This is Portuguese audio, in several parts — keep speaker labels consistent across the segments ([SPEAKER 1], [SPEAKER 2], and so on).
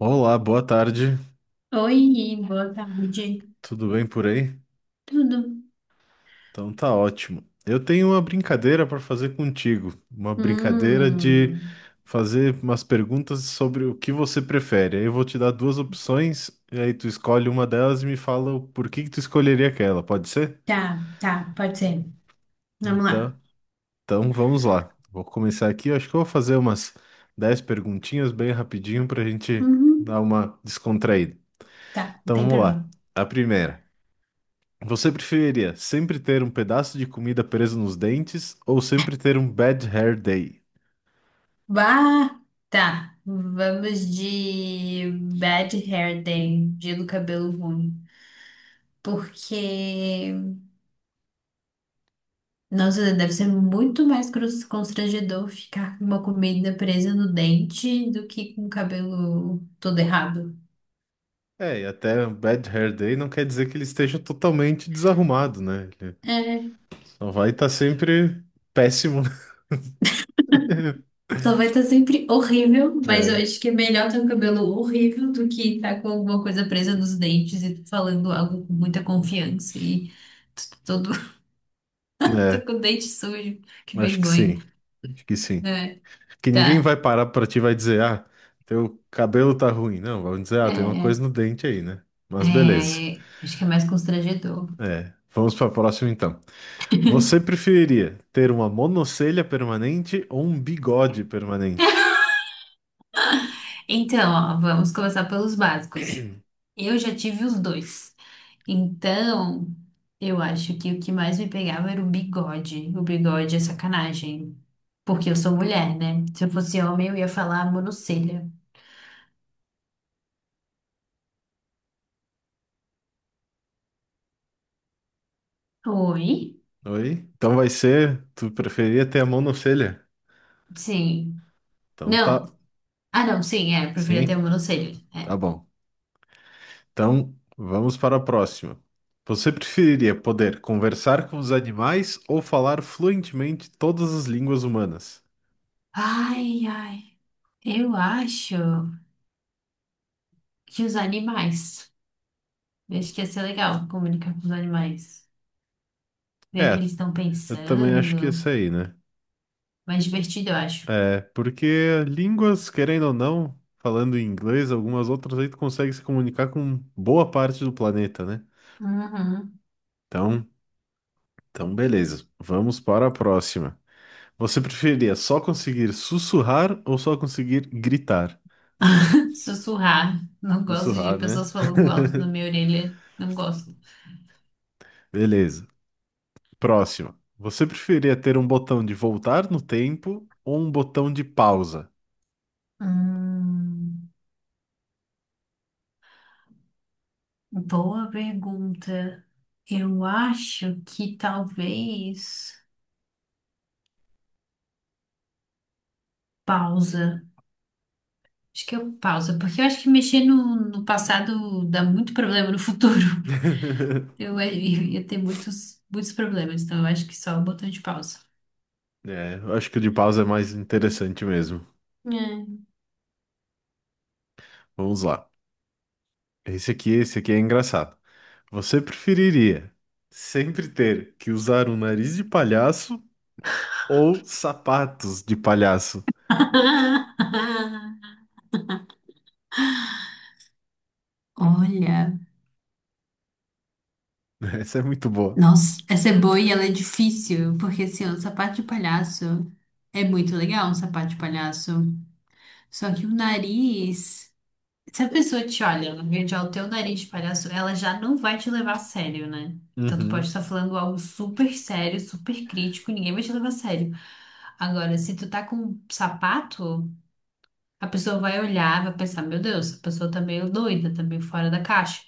[SPEAKER 1] Olá, boa tarde.
[SPEAKER 2] Oi, boa tarde.
[SPEAKER 1] Tudo bem por aí?
[SPEAKER 2] Tudo?
[SPEAKER 1] Então tá ótimo. Eu tenho uma brincadeira para fazer contigo, uma brincadeira de
[SPEAKER 2] Hum,
[SPEAKER 1] fazer umas perguntas sobre o que você prefere. Aí eu vou te dar duas opções e aí tu escolhe uma delas e me fala o porquê que tu escolheria aquela, pode ser?
[SPEAKER 2] tá, tá, pode ser. Vamos lá.
[SPEAKER 1] Então, então vamos lá. Vou começar aqui. Eu acho que eu vou fazer umas 10 perguntinhas bem rapidinho para a gente dar
[SPEAKER 2] Uhum,
[SPEAKER 1] uma descontraída.
[SPEAKER 2] tá, não
[SPEAKER 1] Então
[SPEAKER 2] tem
[SPEAKER 1] vamos lá.
[SPEAKER 2] problema.
[SPEAKER 1] A primeira. Você preferiria sempre ter um pedaço de comida preso nos dentes ou sempre ter um bad hair day?
[SPEAKER 2] Bah, tá. Vamos de Bad Hair Day, dia do cabelo ruim. Porque, nossa, deve ser muito mais constrangedor ficar com uma comida presa no dente do que com o cabelo todo errado.
[SPEAKER 1] É, e até um bad hair day não quer dizer que ele esteja totalmente desarrumado, né? Ele
[SPEAKER 2] É.
[SPEAKER 1] só vai estar sempre péssimo.
[SPEAKER 2] Só vai estar sempre horrível,
[SPEAKER 1] né?
[SPEAKER 2] mas eu
[SPEAKER 1] É,
[SPEAKER 2] acho que é melhor ter um cabelo horrível do que estar com alguma coisa presa nos dentes e falando algo com muita confiança e todo tô
[SPEAKER 1] é,
[SPEAKER 2] com o dente sujo, que
[SPEAKER 1] acho que
[SPEAKER 2] vergonha,
[SPEAKER 1] sim, acho que sim.
[SPEAKER 2] né?
[SPEAKER 1] Que ninguém
[SPEAKER 2] Tá.
[SPEAKER 1] vai parar pra ti e vai dizer, ah, teu cabelo tá ruim. Não, vão dizer, ah, tem uma
[SPEAKER 2] É,
[SPEAKER 1] coisa no dente aí, né? Mas beleza.
[SPEAKER 2] é, é, acho que é mais constrangedor.
[SPEAKER 1] É, vamos pra próxima então. Você preferiria ter uma monocelha permanente ou um bigode permanente?
[SPEAKER 2] Então, ó, vamos começar pelos básicos. Eu já tive os dois. Então, eu acho que o que mais me pegava era o bigode. O bigode é sacanagem. Porque eu sou mulher, né? Se eu fosse homem, eu ia falar monocelha. Oi?
[SPEAKER 1] Oi? Então vai ser. Tu preferia ter a monocelha?
[SPEAKER 2] Sim.
[SPEAKER 1] Então
[SPEAKER 2] Não.
[SPEAKER 1] tá.
[SPEAKER 2] Ah, não, sim, é. Eu preferia ter um
[SPEAKER 1] Sim,
[SPEAKER 2] monocelha.
[SPEAKER 1] tá
[SPEAKER 2] É.
[SPEAKER 1] bom. Então vamos para a próxima. Você preferiria poder conversar com os animais ou falar fluentemente todas as línguas humanas?
[SPEAKER 2] Ai, ai. Eu acho que os animais. Eu acho que ia ser legal comunicar com os animais. Ver o que
[SPEAKER 1] É,
[SPEAKER 2] eles estão
[SPEAKER 1] eu também acho que
[SPEAKER 2] pensando.
[SPEAKER 1] esse aí, né?
[SPEAKER 2] Mais divertido, eu acho.
[SPEAKER 1] É, porque línguas, querendo ou não, falando em inglês, algumas outras aí tu consegue se comunicar com boa parte do planeta, né?
[SPEAKER 2] Uhum.
[SPEAKER 1] Então, então beleza. Vamos para a próxima. Você preferia só conseguir sussurrar ou só conseguir gritar?
[SPEAKER 2] Sussurrar. Não gosto de
[SPEAKER 1] Sussurrar, né?
[SPEAKER 2] pessoas falando alto na minha orelha. Não gosto.
[SPEAKER 1] Beleza. Próximo. Você preferia ter um botão de voltar no tempo ou um botão de pausa?
[SPEAKER 2] Hum, boa pergunta. Eu acho que talvez pausa. Acho que eu pausa, porque eu acho que mexer no passado dá muito problema no futuro. Eu ia ter muitos, muitos problemas, então eu acho que só o botão de pausa.
[SPEAKER 1] É, eu acho que o de pausa é mais interessante mesmo.
[SPEAKER 2] É.
[SPEAKER 1] Vamos lá. Esse aqui é engraçado. Você preferiria sempre ter que usar um nariz de palhaço ou sapatos de palhaço?
[SPEAKER 2] Olha.
[SPEAKER 1] Essa é muito boa.
[SPEAKER 2] Nossa, essa é boa e ela é difícil, porque assim, ó, o sapato de palhaço é muito legal, um sapato de palhaço. Só que o nariz, se a pessoa te olha, no vídeo, olha o teu nariz de palhaço, ela já não vai te levar a sério, né? Então tu pode
[SPEAKER 1] Uhum.
[SPEAKER 2] estar falando algo super sério, super crítico, ninguém vai te levar a sério. Agora, se tu tá com um sapato, a pessoa vai olhar, vai pensar, meu Deus, essa pessoa tá meio doida, tá meio fora da caixa.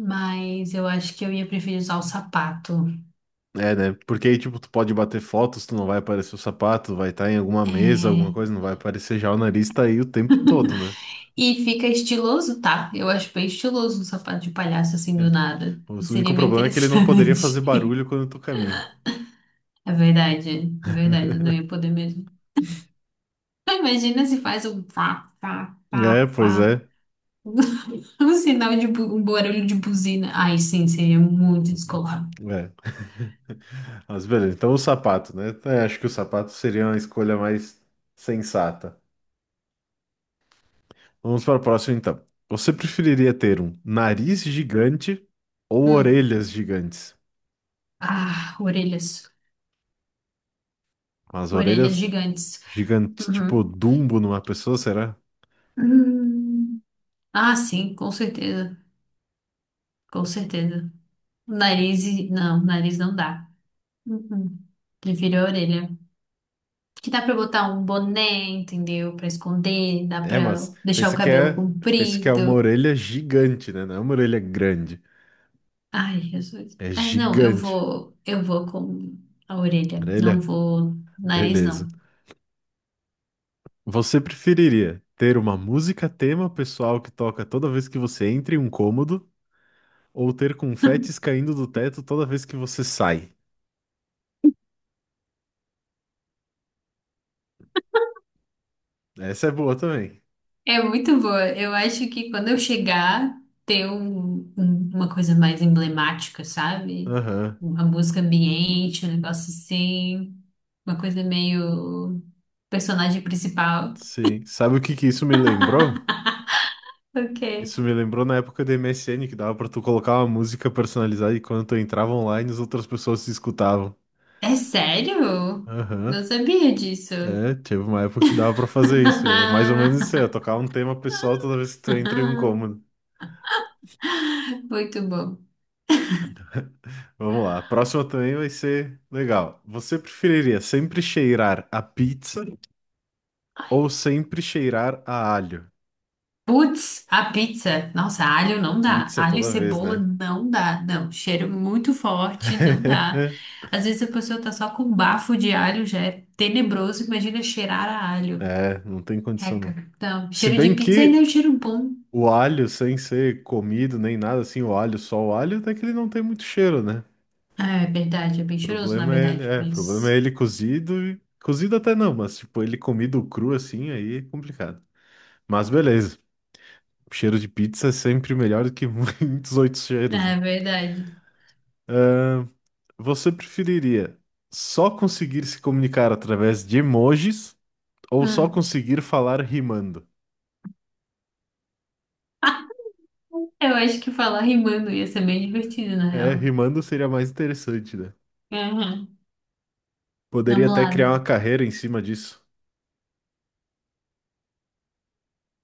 [SPEAKER 2] Mas eu acho que eu ia preferir usar o sapato.
[SPEAKER 1] É, né? Porque aí, tipo, tu pode bater fotos, tu não vai aparecer o sapato, vai estar em alguma mesa, alguma
[SPEAKER 2] É,
[SPEAKER 1] coisa, não vai aparecer já o nariz, tá aí o tempo todo, né?
[SPEAKER 2] e fica estiloso, tá? Eu acho bem estiloso um sapato de palhaço assim do
[SPEAKER 1] É.
[SPEAKER 2] nada.
[SPEAKER 1] O
[SPEAKER 2] Seria
[SPEAKER 1] único
[SPEAKER 2] bem
[SPEAKER 1] problema é que ele não poderia fazer
[SPEAKER 2] interessante.
[SPEAKER 1] barulho quando tu caminha.
[SPEAKER 2] É verdade, é verdade. Não ia poder mesmo. Ah, imagina se faz um fá, fá, fá,
[SPEAKER 1] É, pois
[SPEAKER 2] fá.
[SPEAKER 1] é.
[SPEAKER 2] Um sinal de um barulho de buzina. Ai, sim, seria muito descolado.
[SPEAKER 1] É. Mas beleza, então o sapato, né? É, acho que o sapato seria uma escolha mais sensata. Vamos para o próximo, então. Você preferiria ter um nariz gigante ou
[SPEAKER 2] Hum.
[SPEAKER 1] orelhas gigantes?
[SPEAKER 2] Ah, orelhas.
[SPEAKER 1] As
[SPEAKER 2] Orelhas
[SPEAKER 1] orelhas
[SPEAKER 2] gigantes.
[SPEAKER 1] gigantes, tipo
[SPEAKER 2] Uhum.
[SPEAKER 1] Dumbo numa pessoa, será?
[SPEAKER 2] Hum. Ah, sim, com certeza. Com certeza. Nariz, não, nariz não dá. Uhum. Prefiro a orelha. Que dá pra botar um boné, entendeu? Pra esconder, dá
[SPEAKER 1] É,
[SPEAKER 2] pra deixar o cabelo
[SPEAKER 1] pensa que é uma
[SPEAKER 2] comprido.
[SPEAKER 1] orelha gigante, né? Não é uma orelha grande,
[SPEAKER 2] Ai, Jesus.
[SPEAKER 1] é
[SPEAKER 2] É, não,
[SPEAKER 1] gigante.
[SPEAKER 2] eu vou com a orelha. Não
[SPEAKER 1] Orelha,
[SPEAKER 2] vou nariz,
[SPEAKER 1] beleza.
[SPEAKER 2] não.
[SPEAKER 1] Você preferiria ter uma música tema pessoal que toca toda vez que você entra em um cômodo ou ter confetes caindo do teto toda vez que você sai? Essa é boa também.
[SPEAKER 2] É muito boa. Eu acho que quando eu chegar, ter uma coisa mais emblemática, sabe?
[SPEAKER 1] Aham,
[SPEAKER 2] Uma música ambiente, um negócio assim. Uma coisa meio personagem principal.
[SPEAKER 1] sim. Sabe o que que isso me lembrou?
[SPEAKER 2] O quê?
[SPEAKER 1] Isso me lembrou na época do MSN que dava pra tu colocar uma música personalizada e quando tu entrava online as outras pessoas se escutavam.
[SPEAKER 2] É sério?
[SPEAKER 1] Aham.
[SPEAKER 2] Não sabia disso.
[SPEAKER 1] É, teve uma época que dava pra fazer isso. E é mais ou menos isso aí, ó, tocar um tema pessoal toda vez que tu entra em um cômodo.
[SPEAKER 2] Muito bom.
[SPEAKER 1] Vamos lá. A próxima também vai ser legal. Você preferiria sempre cheirar a pizza ou sempre cheirar a alho?
[SPEAKER 2] Putz, a pizza. Nossa, alho não dá.
[SPEAKER 1] Pizza
[SPEAKER 2] Alho e
[SPEAKER 1] toda vez,
[SPEAKER 2] cebola
[SPEAKER 1] né?
[SPEAKER 2] não dá. Não, cheiro muito forte, não dá. Às vezes a pessoa tá só com bafo de alho, já é tenebroso. Imagina cheirar a alho.
[SPEAKER 1] É, não tem condição não.
[SPEAKER 2] Reca. Não,
[SPEAKER 1] Se
[SPEAKER 2] cheiro de
[SPEAKER 1] bem
[SPEAKER 2] pizza ainda é um
[SPEAKER 1] que
[SPEAKER 2] cheiro bom.
[SPEAKER 1] o alho, sem ser comido nem nada assim, o alho, só o alho, até que ele não tem muito cheiro, né?
[SPEAKER 2] É verdade, é bem cheiroso, na verdade,
[SPEAKER 1] Problema é
[SPEAKER 2] mas.
[SPEAKER 1] ele cozido e cozido até não, mas tipo, ele comido cru assim, aí é complicado. Mas beleza, cheiro de pizza é sempre melhor do que muitos outros cheiros, né?
[SPEAKER 2] É verdade.
[SPEAKER 1] Você preferiria só conseguir se comunicar através de emojis ou só
[SPEAKER 2] Hum.
[SPEAKER 1] conseguir falar rimando?
[SPEAKER 2] Eu acho que falar rimando ia ser bem divertido, na
[SPEAKER 1] É,
[SPEAKER 2] real.
[SPEAKER 1] rimando seria mais interessante, né?
[SPEAKER 2] Uhum.
[SPEAKER 1] Poderia
[SPEAKER 2] Vamos
[SPEAKER 1] até criar
[SPEAKER 2] lá.
[SPEAKER 1] uma carreira em cima disso.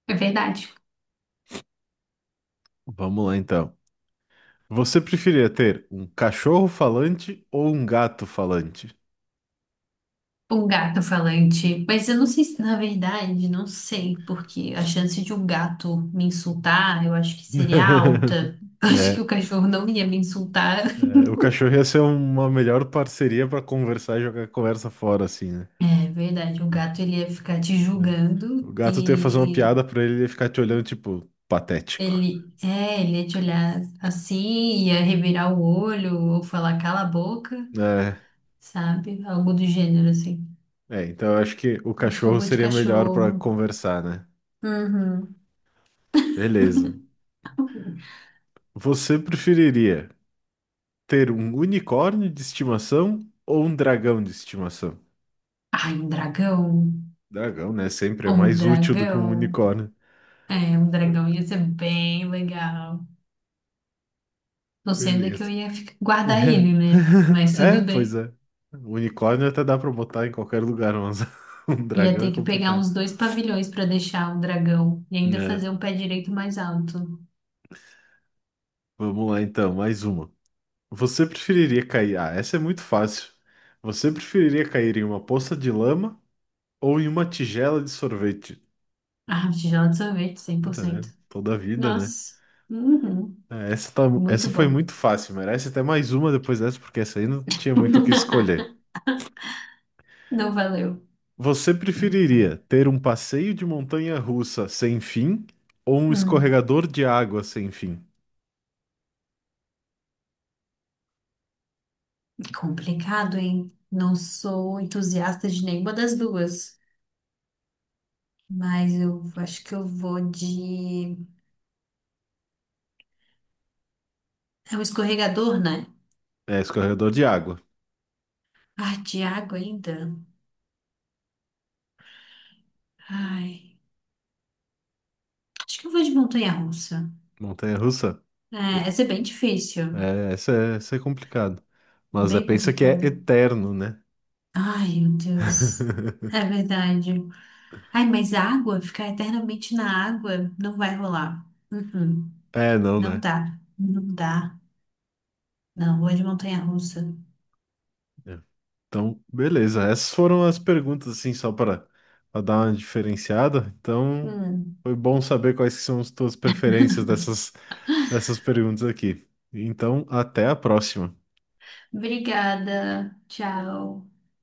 [SPEAKER 2] É verdade.
[SPEAKER 1] Vamos lá então. Você preferia ter um cachorro falante ou um gato falante?
[SPEAKER 2] O gato falante. Mas eu não sei se, na verdade, não sei, porque a chance de um gato me insultar, eu acho que seria alta. Acho que
[SPEAKER 1] né,
[SPEAKER 2] o cachorro não ia me insultar.
[SPEAKER 1] é, o cachorro ia ser uma melhor parceria pra conversar e jogar a conversa fora, assim, né?
[SPEAKER 2] É verdade, o gato ele ia ficar te
[SPEAKER 1] É. O
[SPEAKER 2] julgando
[SPEAKER 1] gato tu ia fazer uma
[SPEAKER 2] e
[SPEAKER 1] piada pra ele e ele ia ficar te olhando, tipo, patético.
[SPEAKER 2] ele, é, ele ia te olhar assim, ia revirar o olho ou falar cala a boca,
[SPEAKER 1] É,
[SPEAKER 2] sabe? Algo do gênero assim.
[SPEAKER 1] é, então eu acho que o
[SPEAKER 2] Acho que eu
[SPEAKER 1] cachorro
[SPEAKER 2] vou de
[SPEAKER 1] seria melhor pra
[SPEAKER 2] cachorro.
[SPEAKER 1] conversar, né?
[SPEAKER 2] Uhum.
[SPEAKER 1] Beleza. Você preferiria ter um unicórnio de estimação ou um dragão de estimação?
[SPEAKER 2] Ai, um dragão.
[SPEAKER 1] Dragão, né? Sempre é
[SPEAKER 2] Um
[SPEAKER 1] mais útil do que um
[SPEAKER 2] dragão.
[SPEAKER 1] unicórnio.
[SPEAKER 2] É, um dragão ia ser bem legal. Não sei onde é que eu
[SPEAKER 1] Beleza.
[SPEAKER 2] ia guardar ele, né? Mas
[SPEAKER 1] É,
[SPEAKER 2] tudo
[SPEAKER 1] pois
[SPEAKER 2] bem.
[SPEAKER 1] é. Unicórnio até dá pra botar em qualquer lugar, mas um
[SPEAKER 2] Ia
[SPEAKER 1] dragão é
[SPEAKER 2] ter que pegar
[SPEAKER 1] complicado.
[SPEAKER 2] uns dois pavilhões pra deixar o dragão e ainda
[SPEAKER 1] Né?
[SPEAKER 2] fazer um pé direito mais alto.
[SPEAKER 1] Vamos lá então, mais uma. Você preferiria cair? Ah, essa é muito fácil. Você preferiria cair em uma poça de lama ou em uma tigela de sorvete?
[SPEAKER 2] Ah, tigela de sorvete, cem por
[SPEAKER 1] Puta, é,
[SPEAKER 2] cento.
[SPEAKER 1] toda a vida, né?
[SPEAKER 2] Nossa, uhum, muito
[SPEAKER 1] Essa foi
[SPEAKER 2] bom.
[SPEAKER 1] muito fácil. Merece até mais uma depois dessa, porque essa aí não tinha muito o que escolher.
[SPEAKER 2] Não valeu.
[SPEAKER 1] Você preferiria ter um passeio de montanha-russa sem fim ou um
[SPEAKER 2] Hum,
[SPEAKER 1] escorregador de água sem fim?
[SPEAKER 2] complicado, hein? Não sou entusiasta de nenhuma das duas, mas eu acho que eu vou de. É um escorregador, né?
[SPEAKER 1] É, escorregador de água.
[SPEAKER 2] Ah, de água ainda. Ai. Acho que eu vou de montanha-russa.
[SPEAKER 1] Montanha-russa? É,
[SPEAKER 2] É, essa é bem difícil,
[SPEAKER 1] essa é complicado. Mas é,
[SPEAKER 2] bem
[SPEAKER 1] pensa que é
[SPEAKER 2] complicado.
[SPEAKER 1] eterno, né?
[SPEAKER 2] Ai, meu Deus. É verdade. Ai, mas água, ficar eternamente na água não vai rolar. Uhum.
[SPEAKER 1] É, não,
[SPEAKER 2] Não
[SPEAKER 1] né?
[SPEAKER 2] dá, não dá. Não, vou de montanha-russa.
[SPEAKER 1] É. Então, beleza. Essas foram as perguntas, assim, só para dar uma diferenciada. Então,
[SPEAKER 2] Hum.
[SPEAKER 1] foi bom saber quais que são as tuas preferências dessas perguntas aqui. Então, até a próxima.
[SPEAKER 2] Obrigada, tchau.